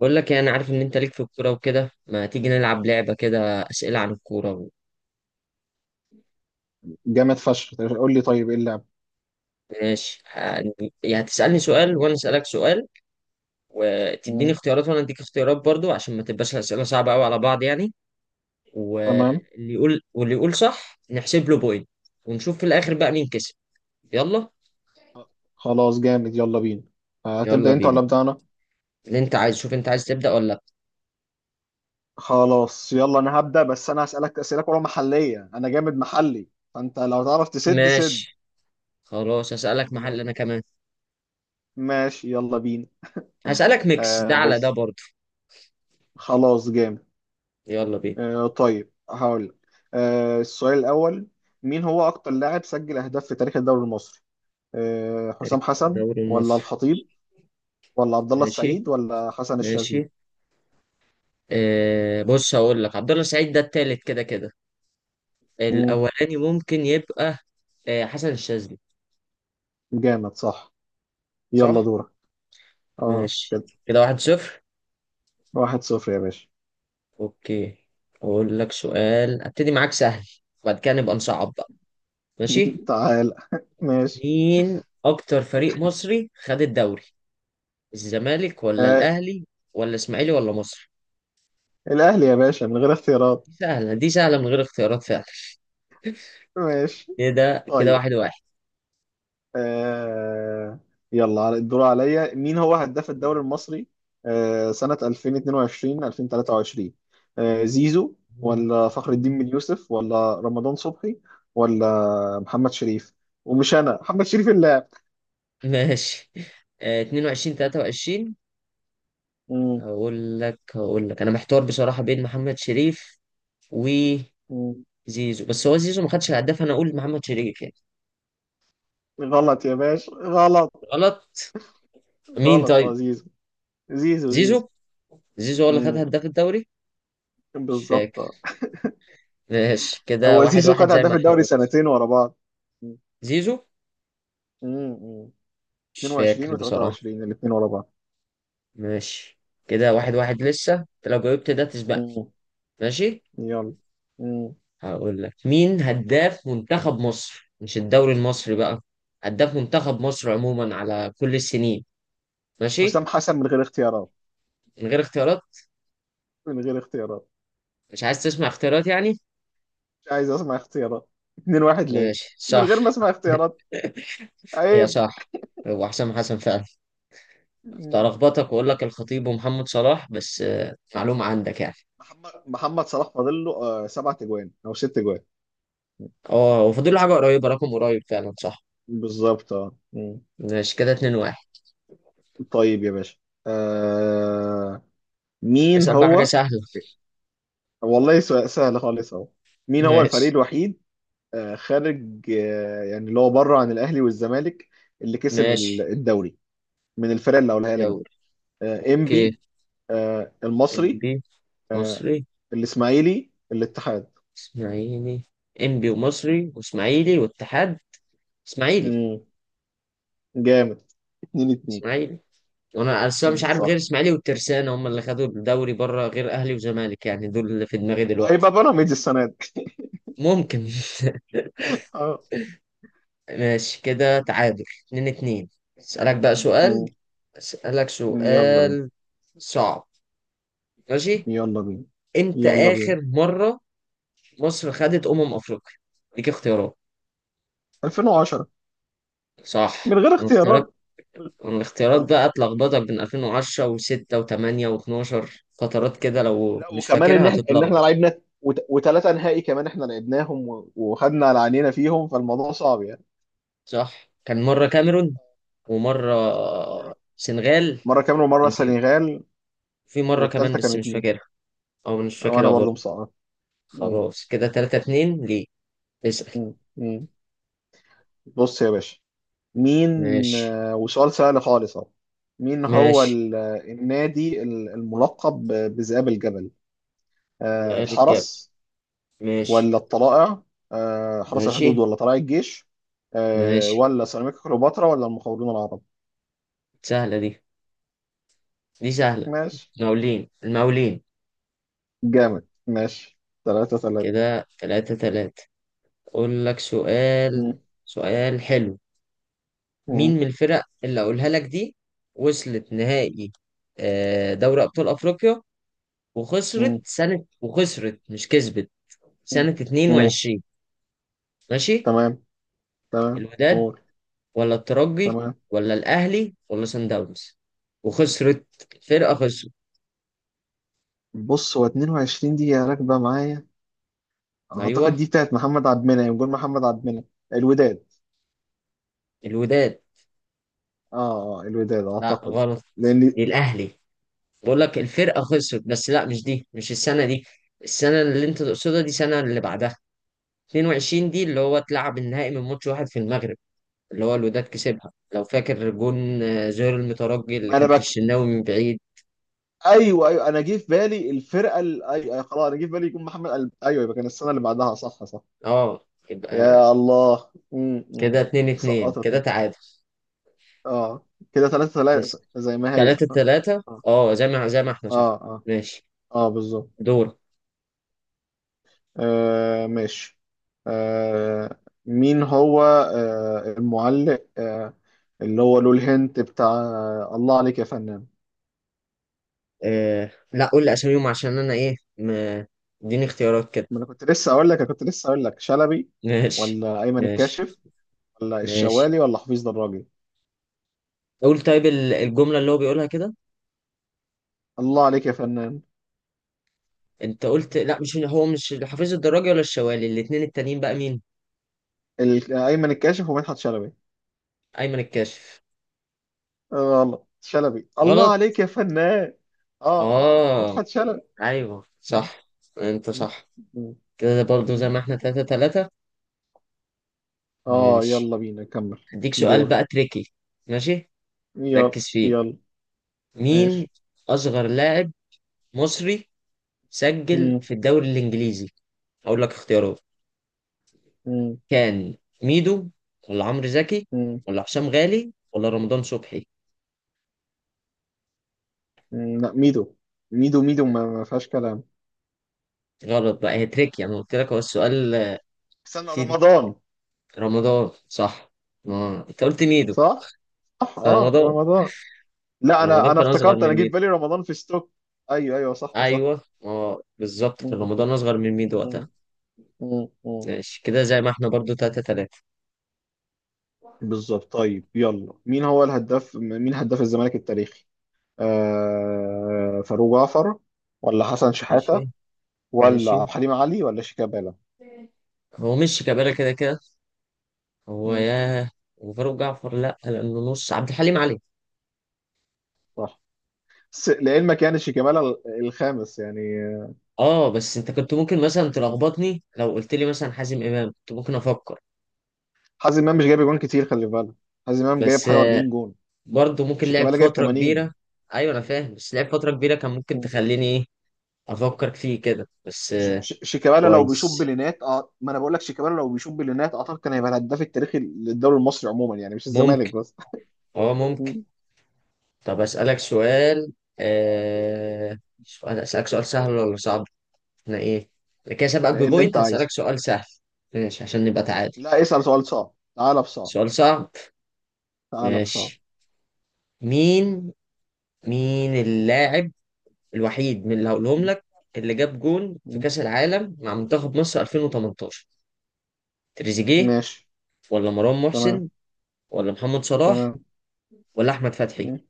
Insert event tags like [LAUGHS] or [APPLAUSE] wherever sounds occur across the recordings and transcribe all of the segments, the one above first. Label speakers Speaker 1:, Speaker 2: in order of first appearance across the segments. Speaker 1: بقول لك، يعني عارف ان انت ليك في الكوره وكده، ما تيجي نلعب لعبه كده اسئله عن الكوره
Speaker 2: جامد فشخ. قول لي طيب، ايه اللعبة؟
Speaker 1: ماشي يعني هتسالني سؤال وانا اسالك سؤال. وتديني
Speaker 2: مم.
Speaker 1: اختيارات وانا اديك اختيارات برضو، عشان ما تبقاش الاسئله صعبه قوي على بعض يعني.
Speaker 2: تمام.
Speaker 1: واللي يقول صح نحسب له بوينت. ونشوف في الاخر بقى مين كسب. يلا.
Speaker 2: خلاص جامد، يلا بينا.
Speaker 1: يلا
Speaker 2: هتبدأ انت
Speaker 1: بينا.
Speaker 2: ولا أبدأ انا؟
Speaker 1: اللي انت عايز، شوف انت عايز تبدا ولا لا؟
Speaker 2: خلاص يلا، انا هبدأ. بس انا هسألك أسئلة كلها محلية، انا جامد محلي. فانت لو تعرف تسد سد.
Speaker 1: ماشي، خلاص هسالك محل
Speaker 2: م-
Speaker 1: انا كمان.
Speaker 2: ماشي يلا بينا.
Speaker 1: هسالك
Speaker 2: [LAUGHS]
Speaker 1: ميكس ده على ده
Speaker 2: بص.
Speaker 1: برضو.
Speaker 2: خلاص جامد.
Speaker 1: يلا بينا.
Speaker 2: هقول لك السؤال الأول. مين هو أكتر لاعب سجل أهداف في تاريخ الدوري المصري؟ حسام حسن
Speaker 1: الدوري
Speaker 2: ولا
Speaker 1: المصري.
Speaker 2: الخطيب، ولا عبد الله
Speaker 1: ماشي.
Speaker 2: السعيد ولا حسن
Speaker 1: ماشي.
Speaker 2: الشاذلي؟
Speaker 1: آه، بص هقول لك، عبد الله السعيد ده التالت كده كده.
Speaker 2: مم،
Speaker 1: الاولاني ممكن يبقى آه، حسن الشاذلي.
Speaker 2: جامد، صح. يلا
Speaker 1: صح.
Speaker 2: دورك. اه
Speaker 1: ماشي
Speaker 2: كده.
Speaker 1: كده واحد صفر.
Speaker 2: واحد صفر يا باشا.
Speaker 1: اوكي. اقول لك سؤال ابتدي معاك سهل، وبعد كده نبقى نصعب بقى. ماشي.
Speaker 2: [LAUGHS] تعال [LAUGHS] ماشي.
Speaker 1: مين اكتر فريق مصري خد الدوري؟ الزمالك ولا
Speaker 2: آه.
Speaker 1: الاهلي ولا اسماعيلي ولا مصر؟
Speaker 2: الأهلي يا باشا، من غير اختيارات.
Speaker 1: دي سهله دي سهله من غير اختيارات فعلا.
Speaker 2: ماشي.
Speaker 1: كده كده
Speaker 2: طيب.
Speaker 1: واحد واحد.
Speaker 2: آه. يلا، الدور عليا. مين هو هداف الدوري المصري سنة 2022 2023؟ زيزو، ولا فخر الدين بن يوسف، ولا رمضان صبحي، ولا محمد شريف؟ ومش أنا محمد شريف اللاعب.
Speaker 1: ماشي. آه، 22 23.
Speaker 2: مم.
Speaker 1: هقول لك انا محتار بصراحه بين محمد شريف وزيزو.
Speaker 2: مم.
Speaker 1: بس هو زيزو ما خدش الهداف، انا اقول محمد شريف يعني.
Speaker 2: غلط يا باشا، غلط.
Speaker 1: غلط. مين
Speaker 2: غلط، اه
Speaker 1: طيب؟
Speaker 2: زيزو. زيزو.
Speaker 1: زيزو. زيزو هو اللي خد
Speaker 2: زيزو.
Speaker 1: هداف الدوري. مش
Speaker 2: بالظبط
Speaker 1: فاكر.
Speaker 2: آه.
Speaker 1: ماشي كده
Speaker 2: هو
Speaker 1: واحد
Speaker 2: زيزو
Speaker 1: واحد
Speaker 2: خد
Speaker 1: زي ما
Speaker 2: هداف
Speaker 1: احنا
Speaker 2: الدوري
Speaker 1: قلنا.
Speaker 2: سنتين ورا بعض. مم.
Speaker 1: زيزو.
Speaker 2: مم.
Speaker 1: مش
Speaker 2: 22
Speaker 1: فاكر بصراحه.
Speaker 2: و23 الاثنين ورا بعض.
Speaker 1: ماشي، كده واحد واحد لسه، انت لو جاوبت ده تسبقني.
Speaker 2: مم.
Speaker 1: ماشي.
Speaker 2: يلا. مم.
Speaker 1: هقول لك، مين هداف منتخب مصر، مش الدوري المصري بقى. هداف منتخب مصر عموما على كل السنين. ماشي.
Speaker 2: حسام حسن من غير اختيارات.
Speaker 1: من غير اختيارات.
Speaker 2: من غير اختيارات.
Speaker 1: مش عايز تسمع اختيارات يعني؟
Speaker 2: مش عايز اسمع اختيارات. 2-1 ليه،
Speaker 1: ماشي،
Speaker 2: من
Speaker 1: صح.
Speaker 2: غير ما اسمع اختيارات.
Speaker 1: هي
Speaker 2: عيب.
Speaker 1: صح. هو حسام حسن فعلا. كنت
Speaker 2: مم.
Speaker 1: هلخبطك واقول لك الخطيب ومحمد صلاح، بس معلومة عندك يعني.
Speaker 2: محمد صلاح فاضل له سبع تجوان او ست تجوان.
Speaker 1: اه، وفاضل له حاجة قريبة، رقم قريب فعلا صح.
Speaker 2: بالظبط اه.
Speaker 1: ماشي كده اتنين واحد.
Speaker 2: طيب يا باشا. آه، مين
Speaker 1: اسأل بقى حاجة
Speaker 2: هو؟
Speaker 1: سهلة.
Speaker 2: والله سؤال سهل خالص اهو.
Speaker 1: [LAUGHS]
Speaker 2: مين هو الفريق
Speaker 1: ماشي.
Speaker 2: الوحيد خارج، اللي هو بره عن الاهلي والزمالك، اللي كسب
Speaker 1: ماشي.
Speaker 2: الدوري من الفرق اللي هقولها لك دي؟
Speaker 1: يلا. اوكي.
Speaker 2: انبي، المصري،
Speaker 1: انبي.
Speaker 2: آه،
Speaker 1: مصري.
Speaker 2: الاسماعيلي، الاتحاد.
Speaker 1: اسماعيلي. انبي ومصري واسماعيلي واتحاد. اسماعيلي.
Speaker 2: مم. جامد. اتنين اتنين.
Speaker 1: اسماعيلي. وانا اصلا مش عارف غير
Speaker 2: صح.
Speaker 1: اسماعيلي والترسانة هم اللي خدوا الدوري بره، غير اهلي وزمالك يعني، دول اللي في دماغي
Speaker 2: وهيبقى
Speaker 1: دلوقتي.
Speaker 2: بيراميدز السنه دي.
Speaker 1: ممكن.
Speaker 2: اه.
Speaker 1: [LAUGHS] ماشي، كده تعادل اتنين اتنين. اسألك بقى سؤال.
Speaker 2: مم.
Speaker 1: اسألك
Speaker 2: يلا بينا.
Speaker 1: سؤال. صعب. ماشي.
Speaker 2: يلا بينا.
Speaker 1: امتى
Speaker 2: يلا بينا.
Speaker 1: آخر مرة مصر خدت أمم أفريقيا؟ ليك اختيارات.
Speaker 2: 2010
Speaker 1: صح
Speaker 2: من غير
Speaker 1: الاختيارات.
Speaker 2: اختيارات.
Speaker 1: الاختيارات بقى اتلخبطك بين 2010 و6 و8 و12، فترات كده لو
Speaker 2: لا،
Speaker 1: مش
Speaker 2: وكمان ان
Speaker 1: فاكرها
Speaker 2: احنا احنا
Speaker 1: هتتلخبط.
Speaker 2: لعبنا وثلاثه نهائي كمان، احنا لعبناهم وخدنا على عينينا فيهم، فالموضوع صعب يعني.
Speaker 1: صح، كان مرة كاميرون ومرة
Speaker 2: مره.
Speaker 1: سنغال.
Speaker 2: مره كاميرون ومره
Speaker 1: كان في،
Speaker 2: السنغال.
Speaker 1: في مرة كمان
Speaker 2: والثالثه
Speaker 1: بس
Speaker 2: كانت
Speaker 1: مش
Speaker 2: مين؟
Speaker 1: فاكرها. أو مش
Speaker 2: وانا
Speaker 1: فاكرها
Speaker 2: برضو
Speaker 1: برضه.
Speaker 2: مصعب. مم.
Speaker 1: خلاص، كده تلاتة اتنين ليه. اسأل.
Speaker 2: مم. مم. بص يا باشا، مين؟
Speaker 1: ماشي.
Speaker 2: وسؤال سهل خالص اهو. مين هو
Speaker 1: ماشي.
Speaker 2: النادي الملقب بذئاب الجبل؟
Speaker 1: جاب الجاب.
Speaker 2: الحرس
Speaker 1: ماشي.
Speaker 2: ولا الطلائع؟ حرس
Speaker 1: ماشي.
Speaker 2: الحدود ولا طلائع الجيش؟
Speaker 1: ماشي.
Speaker 2: ولا سيراميكا كليوباترا ولا المقاولون العرب؟
Speaker 1: سهلة دي، دي سهلة.
Speaker 2: ماشي.
Speaker 1: المقاولين. المقاولين.
Speaker 2: جامد ماشي. ثلاثة ثلاثة.
Speaker 1: كده تلاتة تلاتة. أقول لك سؤال.
Speaker 2: مم.
Speaker 1: سؤال حلو. مين
Speaker 2: مم.
Speaker 1: من الفرق اللي أقولها لك دي وصلت نهائي دوري أبطال أفريقيا، وخسرت
Speaker 2: مم.
Speaker 1: سنة، وخسرت مش كسبت، سنة
Speaker 2: مم. مم.
Speaker 1: 22؟ ماشي.
Speaker 2: تمام. تمام
Speaker 1: الوداد
Speaker 2: قول.
Speaker 1: ولا الترجي
Speaker 2: تمام.
Speaker 1: ولا الاهلي ولا سان داونز؟ وخسرت. الفرقه خسرت.
Speaker 2: بص، هو 22 دقيقة راكبة معايا.
Speaker 1: ايوه.
Speaker 2: أعتقد دي بتاعت محمد عبد المنعم. يقول محمد عبد المنعم. الوداد.
Speaker 1: الوداد.
Speaker 2: آه. آه الوداد
Speaker 1: لا
Speaker 2: أعتقد.
Speaker 1: غلط.
Speaker 2: لأن
Speaker 1: دي الاهلي. بقول لك الفرقه خسرت، بس لا، مش دي، مش السنه دي. السنه اللي انت تقصدها دي السنه اللي بعدها. 22 دي اللي هو اتلعب النهائي من ماتش واحد في المغرب، اللي هو الوداد كسبها لو فاكر، جون زهير المترجي اللي
Speaker 2: ما أنا
Speaker 1: كان في
Speaker 2: بك.
Speaker 1: الشناوي من بعيد.
Speaker 2: أيوه أيوه، أنا جه في بالي الفرقة ال... أيوه أيوه، خلاص أنا جه في بالي يكون محمد قلب. أيوه، يبقى كان السنة اللي بعدها. صح صح.
Speaker 1: اه يبقى
Speaker 2: يا الله.
Speaker 1: كده 2 2 كده
Speaker 2: سقطتني.
Speaker 1: تعادل.
Speaker 2: آه. كده ثلاثة ثلاثة زي ما هي.
Speaker 1: 3 3
Speaker 2: آه.
Speaker 1: اه زي ما احنا
Speaker 2: آه
Speaker 1: صح.
Speaker 2: آه.
Speaker 1: ماشي.
Speaker 2: اه بالظبط.
Speaker 1: دور.
Speaker 2: آه ماشي. آه، مين هو المعلق اللي هو له الهنت بتاع "الله عليك يا فنان"؟
Speaker 1: آه لا، قول لي اساميهم عشان انا ايه اديني اختيارات كده.
Speaker 2: ما انا كنت لسه اقول لك انا كنت لسه اقول لك، شلبي
Speaker 1: [LAUGHS] ماشي.
Speaker 2: ولا ايمن
Speaker 1: ماشي.
Speaker 2: الكاشف، ولا
Speaker 1: ماشي.
Speaker 2: الشوالي ولا حفيظ دراجي؟
Speaker 1: قول طيب الجملة اللي هو بيقولها كده.
Speaker 2: "الله عليك يا فنان".
Speaker 1: انت قلت لا مش هو، مش حفيظ الدراجي ولا الشوالي، الاتنين التانيين بقى مين؟
Speaker 2: ايمن الكاشف ومدحت شلبي.
Speaker 1: ايمن الكاشف.
Speaker 2: آه، غلط. شلبي. "الله
Speaker 1: غلط.
Speaker 2: عليك يا فنان". اه اه،
Speaker 1: اه
Speaker 2: مدحت شلبي.
Speaker 1: ايوه
Speaker 2: م-
Speaker 1: صح. انت
Speaker 2: م-
Speaker 1: صح.
Speaker 2: م-
Speaker 1: كده برضو
Speaker 2: م.
Speaker 1: زي ما احنا تلاتة تلاتة.
Speaker 2: اه
Speaker 1: ماشي.
Speaker 2: يلا بينا كمل.
Speaker 1: هديك سؤال
Speaker 2: دور.
Speaker 1: بقى تريكي. ماشي.
Speaker 2: يلا
Speaker 1: ركز فيه.
Speaker 2: يلا.
Speaker 1: مين
Speaker 2: ماشي.
Speaker 1: اصغر لاعب مصري سجل
Speaker 2: مم.
Speaker 1: في الدوري الانجليزي؟ هقول لك اختيارات.
Speaker 2: مم.
Speaker 1: كان ميدو ولا عمرو زكي
Speaker 2: مم.
Speaker 1: ولا هشام غالي ولا رمضان صبحي؟
Speaker 2: لا، ميدو. ميدو ميدو، ما فيهاش كلام.
Speaker 1: غلط بقى، هي تريكي، انا قلت لك هو السؤال.
Speaker 2: استنى،
Speaker 1: فيه
Speaker 2: رمضان.
Speaker 1: رمضان صح. ما انت قلت ميدو.
Speaker 2: صح؟ صح اه،
Speaker 1: فرمضان.
Speaker 2: رمضان. لا، انا
Speaker 1: رمضان
Speaker 2: انا
Speaker 1: كان اصغر
Speaker 2: افتكرت،
Speaker 1: من
Speaker 2: انا جه في
Speaker 1: ميدو.
Speaker 2: بالي رمضان في ستوك. ايوه ايوه صح صح.
Speaker 1: ايوه اه بالظبط، كان
Speaker 2: مم.
Speaker 1: رمضان اصغر من ميدو وقتها.
Speaker 2: مم. مم. مم.
Speaker 1: ماشي كده زي ما احنا برضو تلاتة تلاتة.
Speaker 2: بالظبط. طيب يلا، مين هو الهداف؟ مين هداف الزمالك التاريخي؟ فاروق جعفر ولا حسن
Speaker 1: ماشي.
Speaker 2: شحاتة، ولا
Speaker 1: ماشي
Speaker 2: عبد الحليم علي ولا شيكابالا؟
Speaker 1: هو مش كبيرة كده كده. هو
Speaker 2: مم.
Speaker 1: ياه. وفاروق جعفر لا، لانه نص عبد الحليم علي.
Speaker 2: صح. لعلمك يعني شيكابالا الخامس يعني.
Speaker 1: اه، بس انت كنت ممكن مثلا تلخبطني لو قلت لي مثلا حازم امام، كنت ممكن افكر.
Speaker 2: حازم امام مش جايب جون كتير، خلي بالك. حازم امام جايب
Speaker 1: بس
Speaker 2: حاجه 40 جون.
Speaker 1: برضه ممكن لعب
Speaker 2: شيكابالا جايب
Speaker 1: فتره
Speaker 2: 80.
Speaker 1: كبيره. ايوه انا فاهم، بس لعب فتره كبيره كان ممكن
Speaker 2: مم.
Speaker 1: تخليني ايه، افكر فيه كده بس
Speaker 2: ش- ش- شيكابالا لو بيشوط
Speaker 1: كويس.
Speaker 2: بلينات اه ما انا بقول لك شيكابالا لو بيشوط بلينات، اعتقد كان هيبقى الهداف التاريخي للدوري المصري عموما يعني، مش الزمالك
Speaker 1: ممكن.
Speaker 2: بس.
Speaker 1: اه ممكن.
Speaker 2: مم.
Speaker 1: طب اسالك سؤال آه... سؤال اسالك سؤال سهل ولا صعب؟ احنا ايه؟ أنا كده سابقك
Speaker 2: [LAUGHS] ايه اللي انت
Speaker 1: ببوينت،
Speaker 2: عايزه؟
Speaker 1: هسالك سؤال سهل. ماشي عشان نبقى تعادل.
Speaker 2: لا، اسال سؤال صعب.
Speaker 1: سؤال صعب.
Speaker 2: تعالى بصعب.
Speaker 1: ماشي. مين مين اللاعب الوحيد من اللي هقولهم
Speaker 2: مم.
Speaker 1: لك اللي جاب جون في
Speaker 2: مم.
Speaker 1: كأس العالم مع منتخب مصر 2018؟ تريزيجيه
Speaker 2: ماشي.
Speaker 1: ولا مروان
Speaker 2: تمام.
Speaker 1: محسن ولا محمد صلاح
Speaker 2: تمام.
Speaker 1: ولا أحمد فتحي؟
Speaker 2: مم.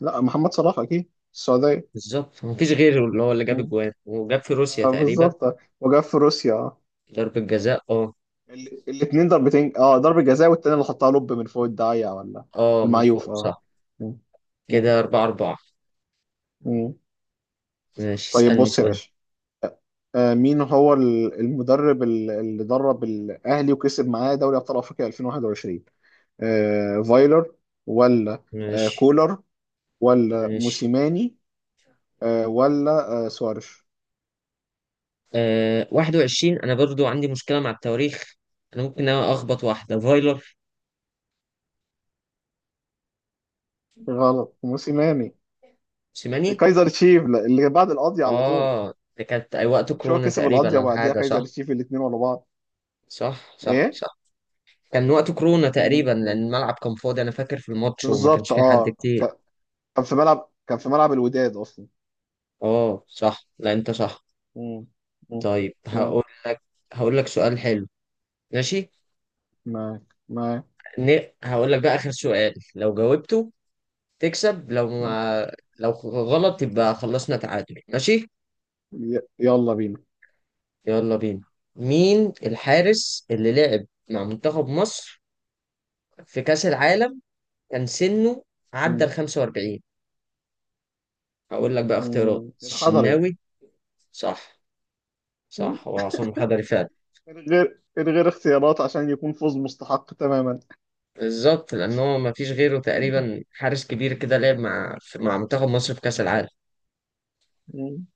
Speaker 2: لا، محمد صلاح اكيد، السعوديه.
Speaker 1: بالظبط، مفيش غيره، اللي هو اللي جاب
Speaker 2: مم.
Speaker 1: الجوان وجاب في روسيا
Speaker 2: آه،
Speaker 1: تقريبا.
Speaker 2: بالظبط وجاب في روسيا.
Speaker 1: ضربة جزاء اه.
Speaker 2: الاتنين ضربتين، اه. ضربة جزاء، والتاني اللي حطها لوب من فوق الداعية ولا
Speaker 1: اه من فوق
Speaker 2: المعيوف اه.
Speaker 1: صح.
Speaker 2: مم. مم.
Speaker 1: كده أربعة أربعة.
Speaker 2: مم.
Speaker 1: ماشي
Speaker 2: طيب
Speaker 1: اسألني
Speaker 2: بص يا
Speaker 1: سؤال.
Speaker 2: باشا. آه، مين هو المدرب اللي درب الأهلي وكسب معاه دوري أبطال أفريقيا 2021؟ فايلر ولا
Speaker 1: ماشي.
Speaker 2: كولر، ولا
Speaker 1: ماشي.
Speaker 2: موسيماني ولا سوارش؟
Speaker 1: 21 أنا برضو عندي مشكلة مع التواريخ. أنا ممكن أخبط واحدة فايلر.
Speaker 2: غلط. موسيماني.
Speaker 1: سيماني.
Speaker 2: كايزر تشيف، لا، اللي بعد القضية على طول.
Speaker 1: اه ده كانت أي وقت
Speaker 2: مش هو
Speaker 1: كورونا
Speaker 2: كسب القضية
Speaker 1: تقريبا أو
Speaker 2: وبعديها
Speaker 1: حاجة
Speaker 2: كايزر
Speaker 1: صح.
Speaker 2: تشيف الاتنين ورا بعض؟
Speaker 1: صح. صح.
Speaker 2: ايه.
Speaker 1: صح. كان وقت كورونا تقريبا، لأن
Speaker 2: مم.
Speaker 1: الملعب كان فاضي، أنا فاكر في الماتش وما كانش
Speaker 2: بالظبط
Speaker 1: فيه حد
Speaker 2: اه.
Speaker 1: كتير.
Speaker 2: ك- كان في ملعب الوداد اصلا.
Speaker 1: اه صح، لا أنت صح.
Speaker 2: مم. مم.
Speaker 1: طيب
Speaker 2: مم.
Speaker 1: هقول لك. هقول لك سؤال حلو. ماشي.
Speaker 2: معاك. معاك.
Speaker 1: هقول لك بقى آخر سؤال، لو جاوبته تكسب، لو
Speaker 2: مم.
Speaker 1: ما، لو غلط يبقى خلصنا تعادل ماشي.
Speaker 2: يلا بينا.
Speaker 1: يلا بينا. مين الحارس اللي لعب مع منتخب مصر في كأس العالم كان سنه عدى
Speaker 2: مم.
Speaker 1: ال 45؟ هقول لك بقى اختيارات،
Speaker 2: الحضري.
Speaker 1: الشناوي. صح.
Speaker 2: مم.
Speaker 1: صح، هو عصام الحضري فعلا.
Speaker 2: من غير اختيارات عشان يكون فوز مستحق تماما.
Speaker 1: بالظبط، لأن هو مفيش غيره تقريبا، حارس كبير كده لعب مع منتخب مصر في كأس العالم.
Speaker 2: مم.